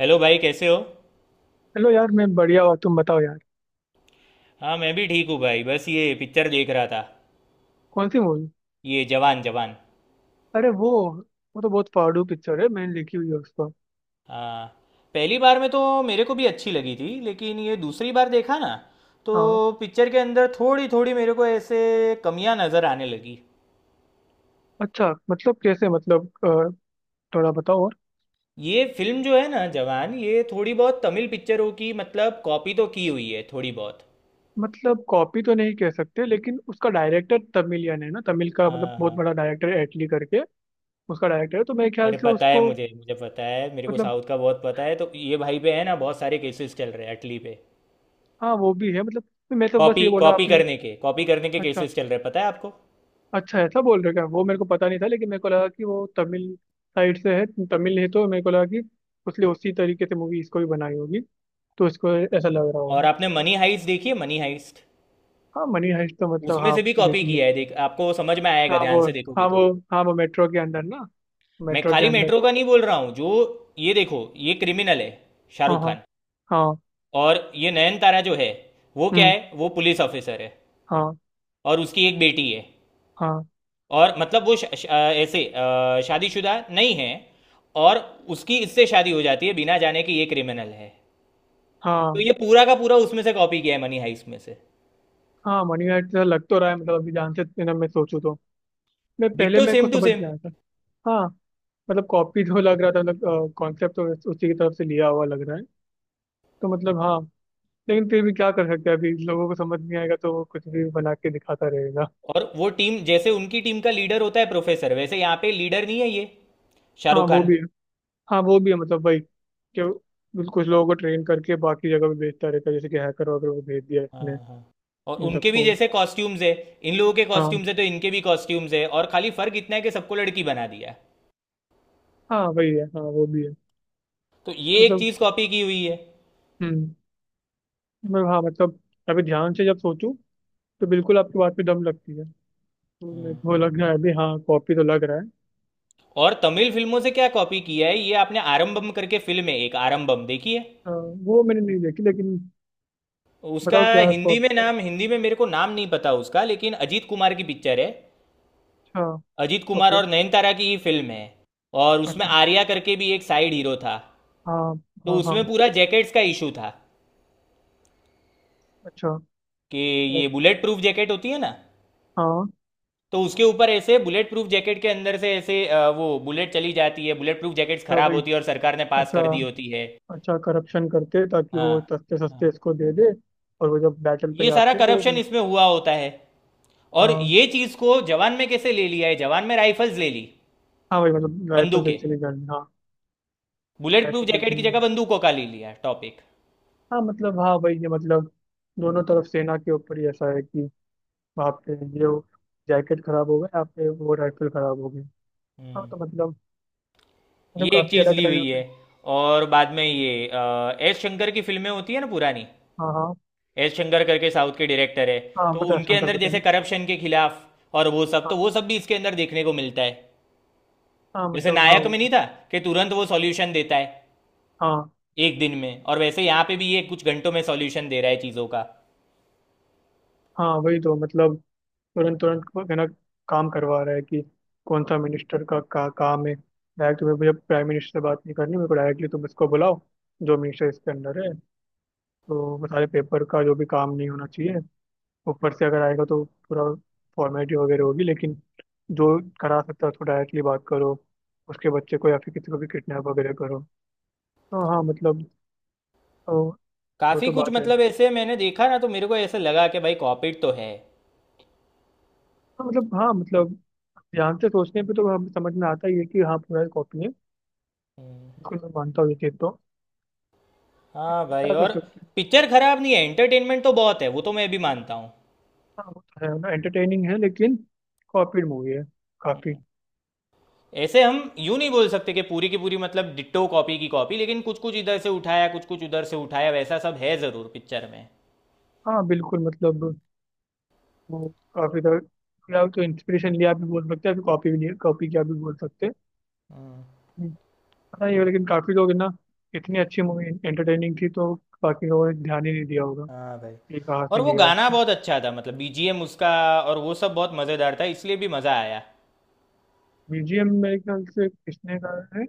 Hello भाई, कैसे हो? हेलो यार। मैं बढ़िया हुआ। तुम बताओ यार। हाँ, मैं भी ठीक हूँ भाई। बस ये पिक्चर देख रहा था। कौन सी मूवी? ये जवान जवान। अरे वो तो बहुत फाड़ू पिक्चर है, मैंने लिखी हुई है उसको। हाँ, पहली बार में तो मेरे को भी अच्छी लगी थी, लेकिन ये दूसरी बार देखा ना, हाँ। तो पिक्चर के अंदर थोड़ी थोड़ी मेरे को ऐसे कमियां नज़र आने लगी। अच्छा, मतलब कैसे? थोड़ा बताओ और। ये फिल्म जो है ना, जवान, ये थोड़ी बहुत तमिल पिक्चरों की मतलब कॉपी तो की हुई है, थोड़ी बहुत। मतलब कॉपी तो नहीं कह सकते, लेकिन उसका डायरेक्टर तमिलियन है ना। तमिल का मतलब हाँ बहुत बड़ा हाँ। डायरेक्टर, एटली करके, उसका डायरेक्टर है तो मेरे ख्याल अरे से पता है उसको। मुझे, मुझे पता है। मेरे को मतलब साउथ का बहुत पता है। तो ये भाई पे है ना बहुत सारे केसेस चल रहे हैं अटली पे। हाँ वो भी है मतलब। तो मैं तो बस कॉपी ये बोला कॉपी आपने। करने के कॉपी करने के अच्छा। केसेस चल रहे हैं, पता है आपको? अच्छा, ऐसा बोल रहे हो क्या? वो मेरे को पता नहीं था लेकिन मेरे को लगा कि वो तमिल साइड से है, तमिल है, तो मेरे को लगा कि उसने उसी तरीके से मूवी इसको भी बनाई होगी, तो उसको ऐसा लग रहा और होगा। आपने मनी हाइस्ट देखी है, मनी हाइस्ट? हाँ, मनी हाइस्ट तो मतलब उसमें हाँ। से भी कॉपी देखिए। किया है। देख, आपको समझ में आएगा हाँ ध्यान वो से देखोगे हाँ वो तो। हाँ, वो मेट्रो के अंदर ना, मैं मेट्रो के खाली अंदर। मेट्रो का नहीं बोल रहा हूँ। जो ये देखो, ये क्रिमिनल है हाँ, शाहरुख हाँ, खान। हाँ। और ये नयनतारा जो है, वो क्या हम्म। है, वो पुलिस ऑफिसर है। हाँ, और उसकी एक बेटी है। हाँ, और मतलब वो ऐसे शादीशुदा नहीं है। और उसकी इससे शादी हो जाती है बिना जाने कि ये क्रिमिनल है। तो हाँ। ये पूरा का पूरा उसमें से कॉपी किया है मनी हाइस्ट में से। हाँ, मनी हाइस्ट तो लग तो रहा है मतलब, अभी ध्यान से ना मैं सोचूं तो। मैं पहले डिट्टो मेरे को सेम टू समझ सेम। में आया था। हाँ मतलब कॉपी तो लग रहा था, मतलब कॉन्सेप्ट तो उसी की तरफ से लिया हुआ लग रहा है। तो मतलब हाँ। लेकिन फिर भी क्या कर सकते हैं? अभी लोगों को समझ नहीं आएगा तो वो कुछ भी बना के दिखाता रहेगा। और वो टीम, जैसे उनकी टीम का लीडर होता है प्रोफेसर, वैसे यहाँ पे लीडर नहीं है ये हाँ शाहरुख वो खान। भी हाँ वो भी है मतलब, वही कि कुछ लोगों को ट्रेन करके बाकी जगह भी भेजता रहता है, जैसे कि हैकर वगैरह को भेज दिया इसने। हाँ हाँ। और इन उनके भी सबको। जैसे कॉस्ट्यूम्स है, इन लोगों के हाँ, कॉस्ट्यूम्स है, तो इनके भी कॉस्ट्यूम्स है, और खाली फर्क इतना है कि सबको लड़की बना दिया है। हाँ वही है। हाँ वो भी है तो ये एक मतलब। चीज कॉपी की हुई है। हम्म मतलब हाँ मतलब, अभी ध्यान से जब सोचूं तो बिल्कुल आपकी बात पे दम लगती है, तो मेरे हम्म। को लग रहा है अभी, हाँ कॉपी तो लग रहा है। और तमिल फिल्मों से क्या कॉपी किया है? ये आपने आरंबम करके फिल्म है, एक आरंबम देखी है? हाँ, वो मैंने नहीं देखी लेकिन। उसका बताओ क्या हिंदी में कॉपी है। नाम, हिंदी में मेरे को नाम नहीं पता उसका, लेकिन अजीत कुमार की पिक्चर है। अच्छा। अजीत कुमार ओके। और नयनतारा की ही फिल्म है, और उसमें अच्छा। आर्या करके भी एक साइड हीरो था। हाँ। तो हाँ, उसमें हाँ। पूरा जैकेट्स का इशू था अच्छा। कि ये बुलेट प्रूफ जैकेट होती है ना, हाँ। तो उसके ऊपर ऐसे बुलेट प्रूफ जैकेट के अंदर से ऐसे वो बुलेट चली जाती है। बुलेट प्रूफ जैकेट्स अच्छा, खराब वही। होती है और सरकार ने पास अच्छा, कर दी होती है। अच्छा। करप्शन करते ताकि हाँ वो सस्ते सस्ते हाँ। इसको दे दे। और वो जब बैटल पे ये सारा जाते तो करप्शन फिर। इसमें हुआ होता है। और हाँ, ये चीज़ को जवान में कैसे ले लिया है? जवान में राइफल्स ले ली, हाँ भाई, मतलब राइफल से बंदूकें। इसीलिए जानी, हाँ। बुलेट प्रूफ राइफल से जैकेट की इसीलिए। जगह बंदूकों का ले लिया टॉपिक। हाँ मतलब, हाँ भाई ये मतलब दोनों तरफ सेना के ऊपर ही ऐसा है कि आप पे ये जैकेट खराब हो गए, आप पे वो राइफल खराब हो गई। हाँ हम्म, तो मतलब ये मतलब एक काफी चीज़ अलग ली अलग यहाँ हुई है। पे। और बाद में ये एस शंकर की फिल्में होती है ना पुरानी, हाँ, हाँ। एस शंकर करके साउथ के डायरेक्टर है, हाँ तो पता है, उनके शंकर अंदर पता है जैसे ना। करप्शन के खिलाफ और वो सब, हाँ, तो वो सब भी इसके अंदर देखने को मिलता है। हाँ जैसे मतलब। हाँ नायक में नहीं वही-। था कि तुरंत वो सॉल्यूशन देता है हाँ, एक दिन में, और वैसे यहाँ पे भी ये कुछ घंटों में सॉल्यूशन दे रहा है चीज़ों का। हाँ वही तो मतलब। तुरंत तुरंत को है ना, काम करवा रहा है कि कौन सा मिनिस्टर का काम है। डायरेक्ट तुम्हें, मुझे प्राइम मिनिस्टर से बात नहीं करनी, मेरे को डायरेक्टली तुम इसको बुलाओ। जो मिनिस्टर इसके अंडर है, तो वो सारे पेपर का जो भी काम नहीं होना चाहिए ऊपर से अगर आएगा तो पूरा फॉर्मेलिटी वगैरह होगी, लेकिन जो करा सकता है उसको डायरेक्टली बात करो। उसके बच्चे को या फिर किसी को भी किडनैप वगैरह करो, तो हाँ मतलब, तो। वो काफ़ी तो कुछ बात है। मतलब ऐसे मैंने देखा ना, तो मेरे को ऐसे लगा कि भाई कॉपीड तो है। हाँ मतलब, हाँ मतलब, ध्यान से सोचने पे तो हम समझ में आता ही है कि हाँ पूरा एक कॉपी है। बिल्कुल मैं मानता हूँ ये चीज़ तो। हाँ भाई। क्या कर और सकते हैं। पिक्चर खराब नहीं है, एंटरटेनमेंट तो बहुत है, वो तो मैं भी मानता हूँ। हाँ वो तो है ना, एंटरटेनिंग है लेकिन कॉपीड मूवी है काफी। ऐसे हम यूं नहीं बोल सकते कि पूरी की पूरी मतलब डिट्टो कॉपी की कॉपी, लेकिन कुछ कुछ इधर से उठाया, कुछ कुछ उधर से उठाया, वैसा सब है ज़रूर पिक्चर में। हाँ बिल्कुल मतलब। वो काफी तरह या तो इंस्पिरेशन लिया भी बोल सकते हैं, कॉपी भी लिया, कॉपी किया भी बोल सकते हैं। हम्म, हम्म। पता नहीं, लेकिन काफी लोग है ना, इतनी अच्छी मूवी एंटरटेनिंग थी तो बाकी लोगों ने ध्यान ही नहीं दिया होगा हाँ भाई। कि कहाँ और से वो लिया है गाना इसको। बहुत अच्छा था, मतलब बीजीएम उसका, और वो सब बहुत मज़ेदार था, इसलिए भी मज़ा आया। बीजीएम मेरे ख्याल से किसने गाया है?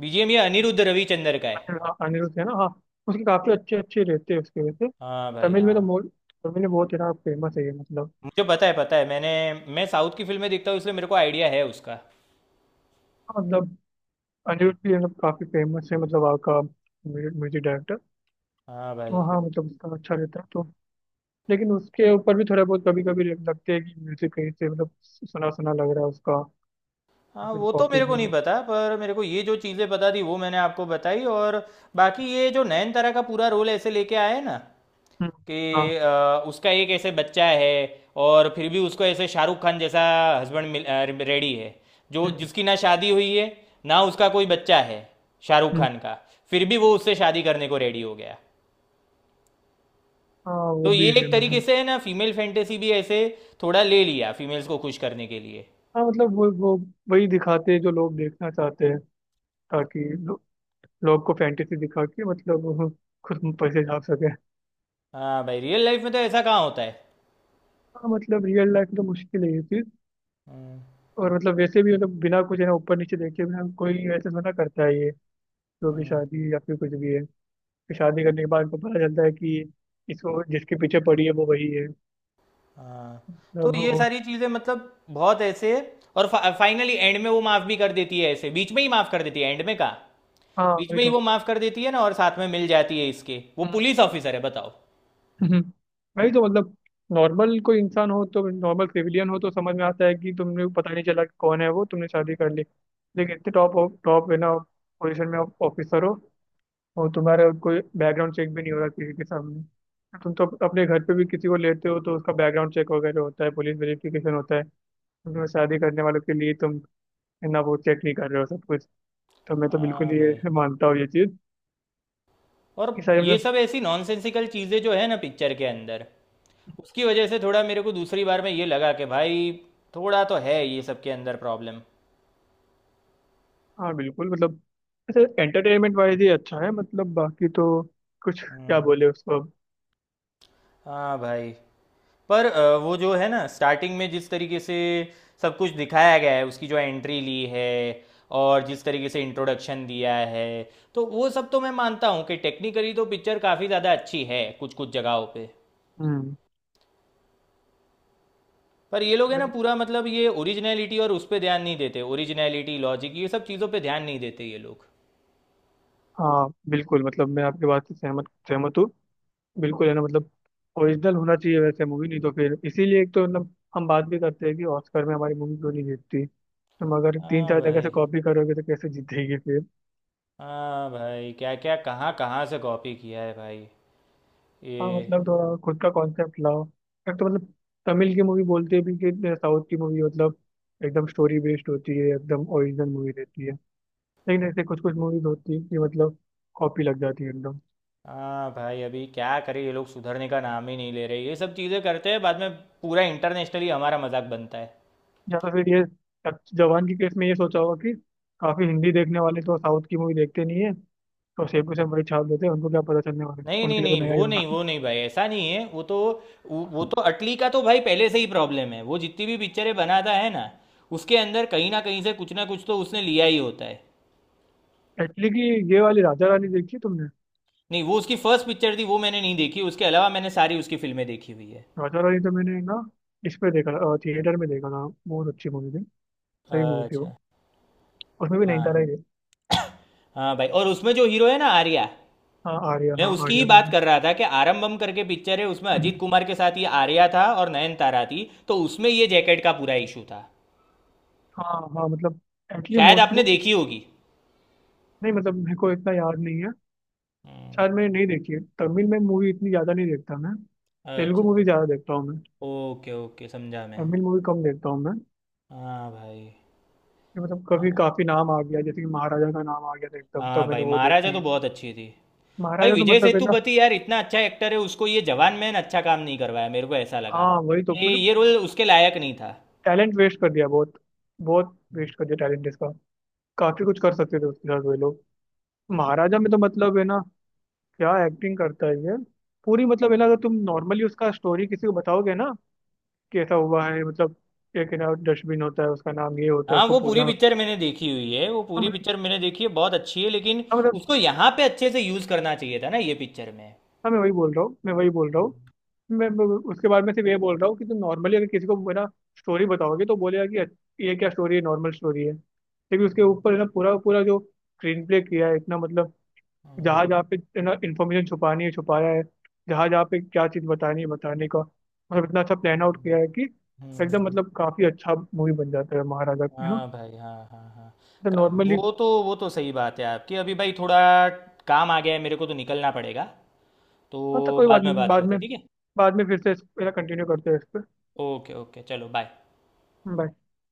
बीजीएम ये अनिरुद्ध रविचंद्र का है। अनिल हाँ, अनिरुद्ध है ना, हाँ। उसके काफी अच्छे अच्छे रहते हैं उसके वजह से। हाँ भाई तमिल में हाँ। तो मो- तमिल में बहुत है ना, फेमस है ये मतलब। मुझे पता है, पता है, मैं साउथ की फिल्में देखता हूँ, इसलिए मेरे को आइडिया है उसका। हाँ, मतलब अनिरुद्ध भी मतलब काफी फेमस है, मतलब वहाँ का म्यूजिक डायरेक्टर। हाँ भाई तो हाँ मतलब, उसका अच्छा रहता है तो। लेकिन उसके ऊपर भी थोड़ा बहुत कभी कभी लगते हैं कि म्यूजिक कहीं से मतलब सुना सुना लग रहा है उसका। या हाँ। फिर वो तो कॉपी। मेरे को नहीं हम्म। पता, पर मेरे को ये जो चीज़ें पता थी वो मैंने आपको बताई। और बाकी ये जो नयनतारा का पूरा रोल ऐसे लेके आए ना कि हाँ। उसका एक ऐसे बच्चा है, और फिर भी उसको ऐसे शाहरुख खान जैसा हस्बैंड मिल रेडी है। जो हम्म। जिसकी ना शादी हुई है, ना उसका कोई बच्चा है, शाहरुख हम्म। खान का, फिर भी वो उससे शादी करने को रेडी हो गया। हाँ वो तो भी ये है एक तरीके मतलब। से है ना फीमेल फैंटेसी भी ऐसे थोड़ा ले लिया, फीमेल्स को खुश करने के लिए। हाँ मतलब, वो वही दिखाते हैं जो लोग देखना चाहते हैं, ताकि लो, लोग को फैंटेसी दिखा के मतलब वो खुद पैसे छाप सके। हाँ भाई, रियल लाइफ में तो ऐसा कहाँ होता है। हाँ मतलब, रियल लाइफ में तो मुश्किल है ये चीज। हम्म, और मतलब, वैसे भी मतलब बिना कुछ है ना ऊपर नीचे देखे, बिना कोई ऐसे थोड़ा ना करता है ये, जो कि हम्म, शादी या फिर कुछ भी है। फिर शादी करने के बाद उनको पता चलता है कि इसको जिसके पीछे पड़ी है वो वही है, हाँ, तो मतलब ये वो। सारी चीज़ें मतलब बहुत ऐसे। और फाइनली एंड में वो माफ़ भी कर देती है, ऐसे बीच में ही माफ़ कर देती है, एंड में कहाँ, हाँ बीच वही में ही तो। वो माफ कर देती है ना, और साथ में मिल जाती है इसके, वो हम्म, पुलिस ऑफिसर है, बताओ। हम्म। वही तो मतलब। नॉर्मल कोई इंसान हो, तो नॉर्मल सिविलियन हो तो समझ में आता है कि तुमने पता नहीं चला कि कौन है वो, तुमने शादी कर ली। लेकिन इतने टॉप, टॉप है ना पोजीशन में, ऑफिसर हो, और तुम्हारा कोई बैकग्राउंड चेक भी नहीं हो रहा। किसी के सामने तुम तो अपने घर पे भी किसी को लेते हो तो उसका बैकग्राउंड चेक वगैरह होता है, पुलिस वेरिफिकेशन होता है। तुम्हें शादी करने वालों के लिए तुम ना वो चेक नहीं कर रहे हो सब कुछ, तो मैं तो बिल्कुल हाँ भाई। ये मानता हूँ ये चीज़। और ये सारे ये मतलब। सब ऐसी नॉनसेंसिकल चीज़ें जो है ना पिक्चर के अंदर, उसकी वजह से थोड़ा मेरे को दूसरी बार में ये लगा कि भाई थोड़ा तो है ये सब के अंदर प्रॉब्लम। हाँ बिल्कुल मतलब। अच्छा एंटरटेनमेंट वाइज ही अच्छा है मतलब, बाकी तो कुछ क्या हम्म, बोले उसको अब। हाँ भाई। पर वो जो है ना स्टार्टिंग में जिस तरीके से सब कुछ दिखाया गया है, उसकी जो एंट्री ली है और जिस तरीके से इंट्रोडक्शन दिया है, तो वो सब तो मैं मानता हूँ कि टेक्निकली तो पिक्चर काफ़ी ज़्यादा अच्छी है, कुछ कुछ जगहों पे। हम्म। पर ये लोग है ना, मैं- पूरा मतलब ये ओरिजिनलिटी, और उस पे ध्यान नहीं देते, ओरिजिनलिटी, लॉजिक, ये सब चीज़ों पे ध्यान नहीं देते ये लोग। हाँ बिल्कुल मतलब, मैं आपके बात से सहमत सहमत हूँ। बिल्कुल है ना मतलब, ओरिजिनल होना चाहिए वैसे मूवी, नहीं तो फिर इसीलिए एक तो मतलब हम बात भी करते हैं कि ऑस्कर में हमारी मूवी क्यों नहीं जीतती। तुम अगर तीन हाँ चार जगह से भाई। कॉपी करोगे तो कैसे जीतेगी फिर? हाँ भाई, क्या क्या कहाँ कहाँ से कॉपी किया है भाई हाँ ये। मतलब, थोड़ा खुद का कॉन्सेप्ट लाओ। एक तो मतलब, तमिल की मूवी बोलते भी कि साउथ की मूवी मतलब एकदम स्टोरी बेस्ड होती है, एकदम ओरिजिनल मूवी रहती है। लेकिन ऐसे कुछ कुछ मूवीज होती है कि मतलब कॉपी लग जाती है एकदम। हाँ भाई, अभी क्या करें, ये लोग सुधरने का नाम ही नहीं ले रहे। ये सब चीज़ें करते हैं, बाद में पूरा इंटरनेशनली हमारा मजाक बनता है। या तो फिर ये जवान के केस में ये सोचा होगा कि काफी हिंदी देखने वाले तो साउथ की मूवी देखते नहीं है, तो सेम टू सेम वही छाप देते हैं, उनको क्या पता चलने वाला है, नहीं नहीं उनके लिए तो नहीं, नया ही वो नहीं, होगा। वो नहीं भाई, ऐसा नहीं है वो तो। वो तो अटली का तो भाई पहले से ही प्रॉब्लम है। वो जितनी भी पिक्चरें बनाता है ना, उसके अंदर कहीं ना कहीं से कुछ ना कुछ तो उसने लिया ही होता है। एक्चुअली कि ये वाली राजा रानी देखी है तुमने? नहीं, वो उसकी फर्स्ट पिक्चर थी, वो मैंने नहीं देखी, उसके अलावा मैंने सारी उसकी फिल्में देखी हुई है। राजा रानी तो मैंने ना, इस पे देखा था, थिएटर में देखा था, बहुत अच्छी मूवी थी। सही मूवी थी वो। अच्छा। उसमें भी हाँ नैनीताल ही थे। हाँ भाई, और उसमें जो हीरो है ना आर्या, हाँ आर्या मैं हाँ उसकी ही आर्या बात दोनों। कर रहा था कि आरंबम करके पिक्चर है, उसमें हम्म। अजीत कुमार के साथ ये आर्या था और नयनतारा थी, तो उसमें ये जैकेट का पूरा इशू था। हाँ, हाँ मतलब एक्चुअली शायद मोस्ट। आपने देखी होगी। नहीं मतलब, मेरे को इतना याद नहीं है। हम्म, शायद मैंने नहीं देखी है, तमिल में मूवी इतनी ज़्यादा नहीं देखता मैं। तेलुगु अच्छा अच्छा। मूवी ज़्यादा देखता हूँ मैं। ओके ओके, समझा मैं। तमिल मूवी कम देखता हूँ मैं। हाँ भाई। ये मतलब कभी हाँ काफ़ी नाम आ गया, जैसे कि महाराजा का नाम आ गया था एकदम, तो हाँ मैंने भाई, वो महाराजा देखी। तो बहुत अच्छी थी। भाई महाराजा तो विजय मतलब है ना। सेतुपति यार इतना अच्छा एक्टर है, उसको ये जवान मैन अच्छा काम नहीं करवाया, मेरे को ऐसा लगा हाँ वही तो कि मतलब, ये रोल उसके लायक नहीं था। टैलेंट वेस्ट कर दिया बहुत। बहुत हम्म। वेस्ट कर दिया टैलेंट इसका। काफ़ी कुछ कर सकते थे उसके साथ वे लोग। महाराजा में तो मतलब है ना, क्या एक्टिंग करता है ये। पूरी मतलब है ना, अगर तुम नॉर्मली उसका स्टोरी किसी को बताओगे ना कि ऐसा हुआ है मतलब, एक है ना डस्टबिन होता है उसका नाम, ये होता है हाँ, उसको वो पूजा, पूरी हाँ। पिक्चर मैंने देखी हुई है, वो पूरी मतलब पिक्चर मैंने देखी है, बहुत अच्छी है, लेकिन हाँ मतलब। उसको यहाँ पे अच्छे से यूज़ करना चाहिए था ना ये पिक्चर में। हाँ मैं वही बोल रहा हूँ, मैं वही बोल रहा हूँ। हम्म, मैं उसके बाद में सिर्फ ये बोल रहा हूँ कि तुम नॉर्मली अगर किसी को है ना स्टोरी बताओगे तो बोलेगा कि अच्छा, ये क्या स्टोरी है? नॉर्मल स्टोरी है, लेकिन उसके हम्म, ऊपर है ना पूरा पूरा जो स्क्रीन प्ले किया है इतना मतलब। हम्म, जहाँ जहाँ पे है ना इन्फॉर्मेशन छुपानी है छुपाया है। जहाँ जहाँ पे क्या चीज़ बतानी है, बताने का मतलब इतना अच्छा प्लान आउट किया हम्म, है कि। हम्म, एकदम हम्म। मतलब, काफ़ी अच्छा मूवी बन जाता है महाराजा है ना। हाँ भाई, हाँ हाँ हाँ। तो नॉर्मली। वो तो सही बात है आपकी। अभी भाई थोड़ा काम आ गया है, मेरे को तो निकलना पड़ेगा, हाँ तो तो कोई बात बाद में नहीं, बात बाद करते में, हैं, ठीक है? बाद में फिर से कंटिन्यू करते हैं इस पर। ओके ओके, चलो बाय। बाय।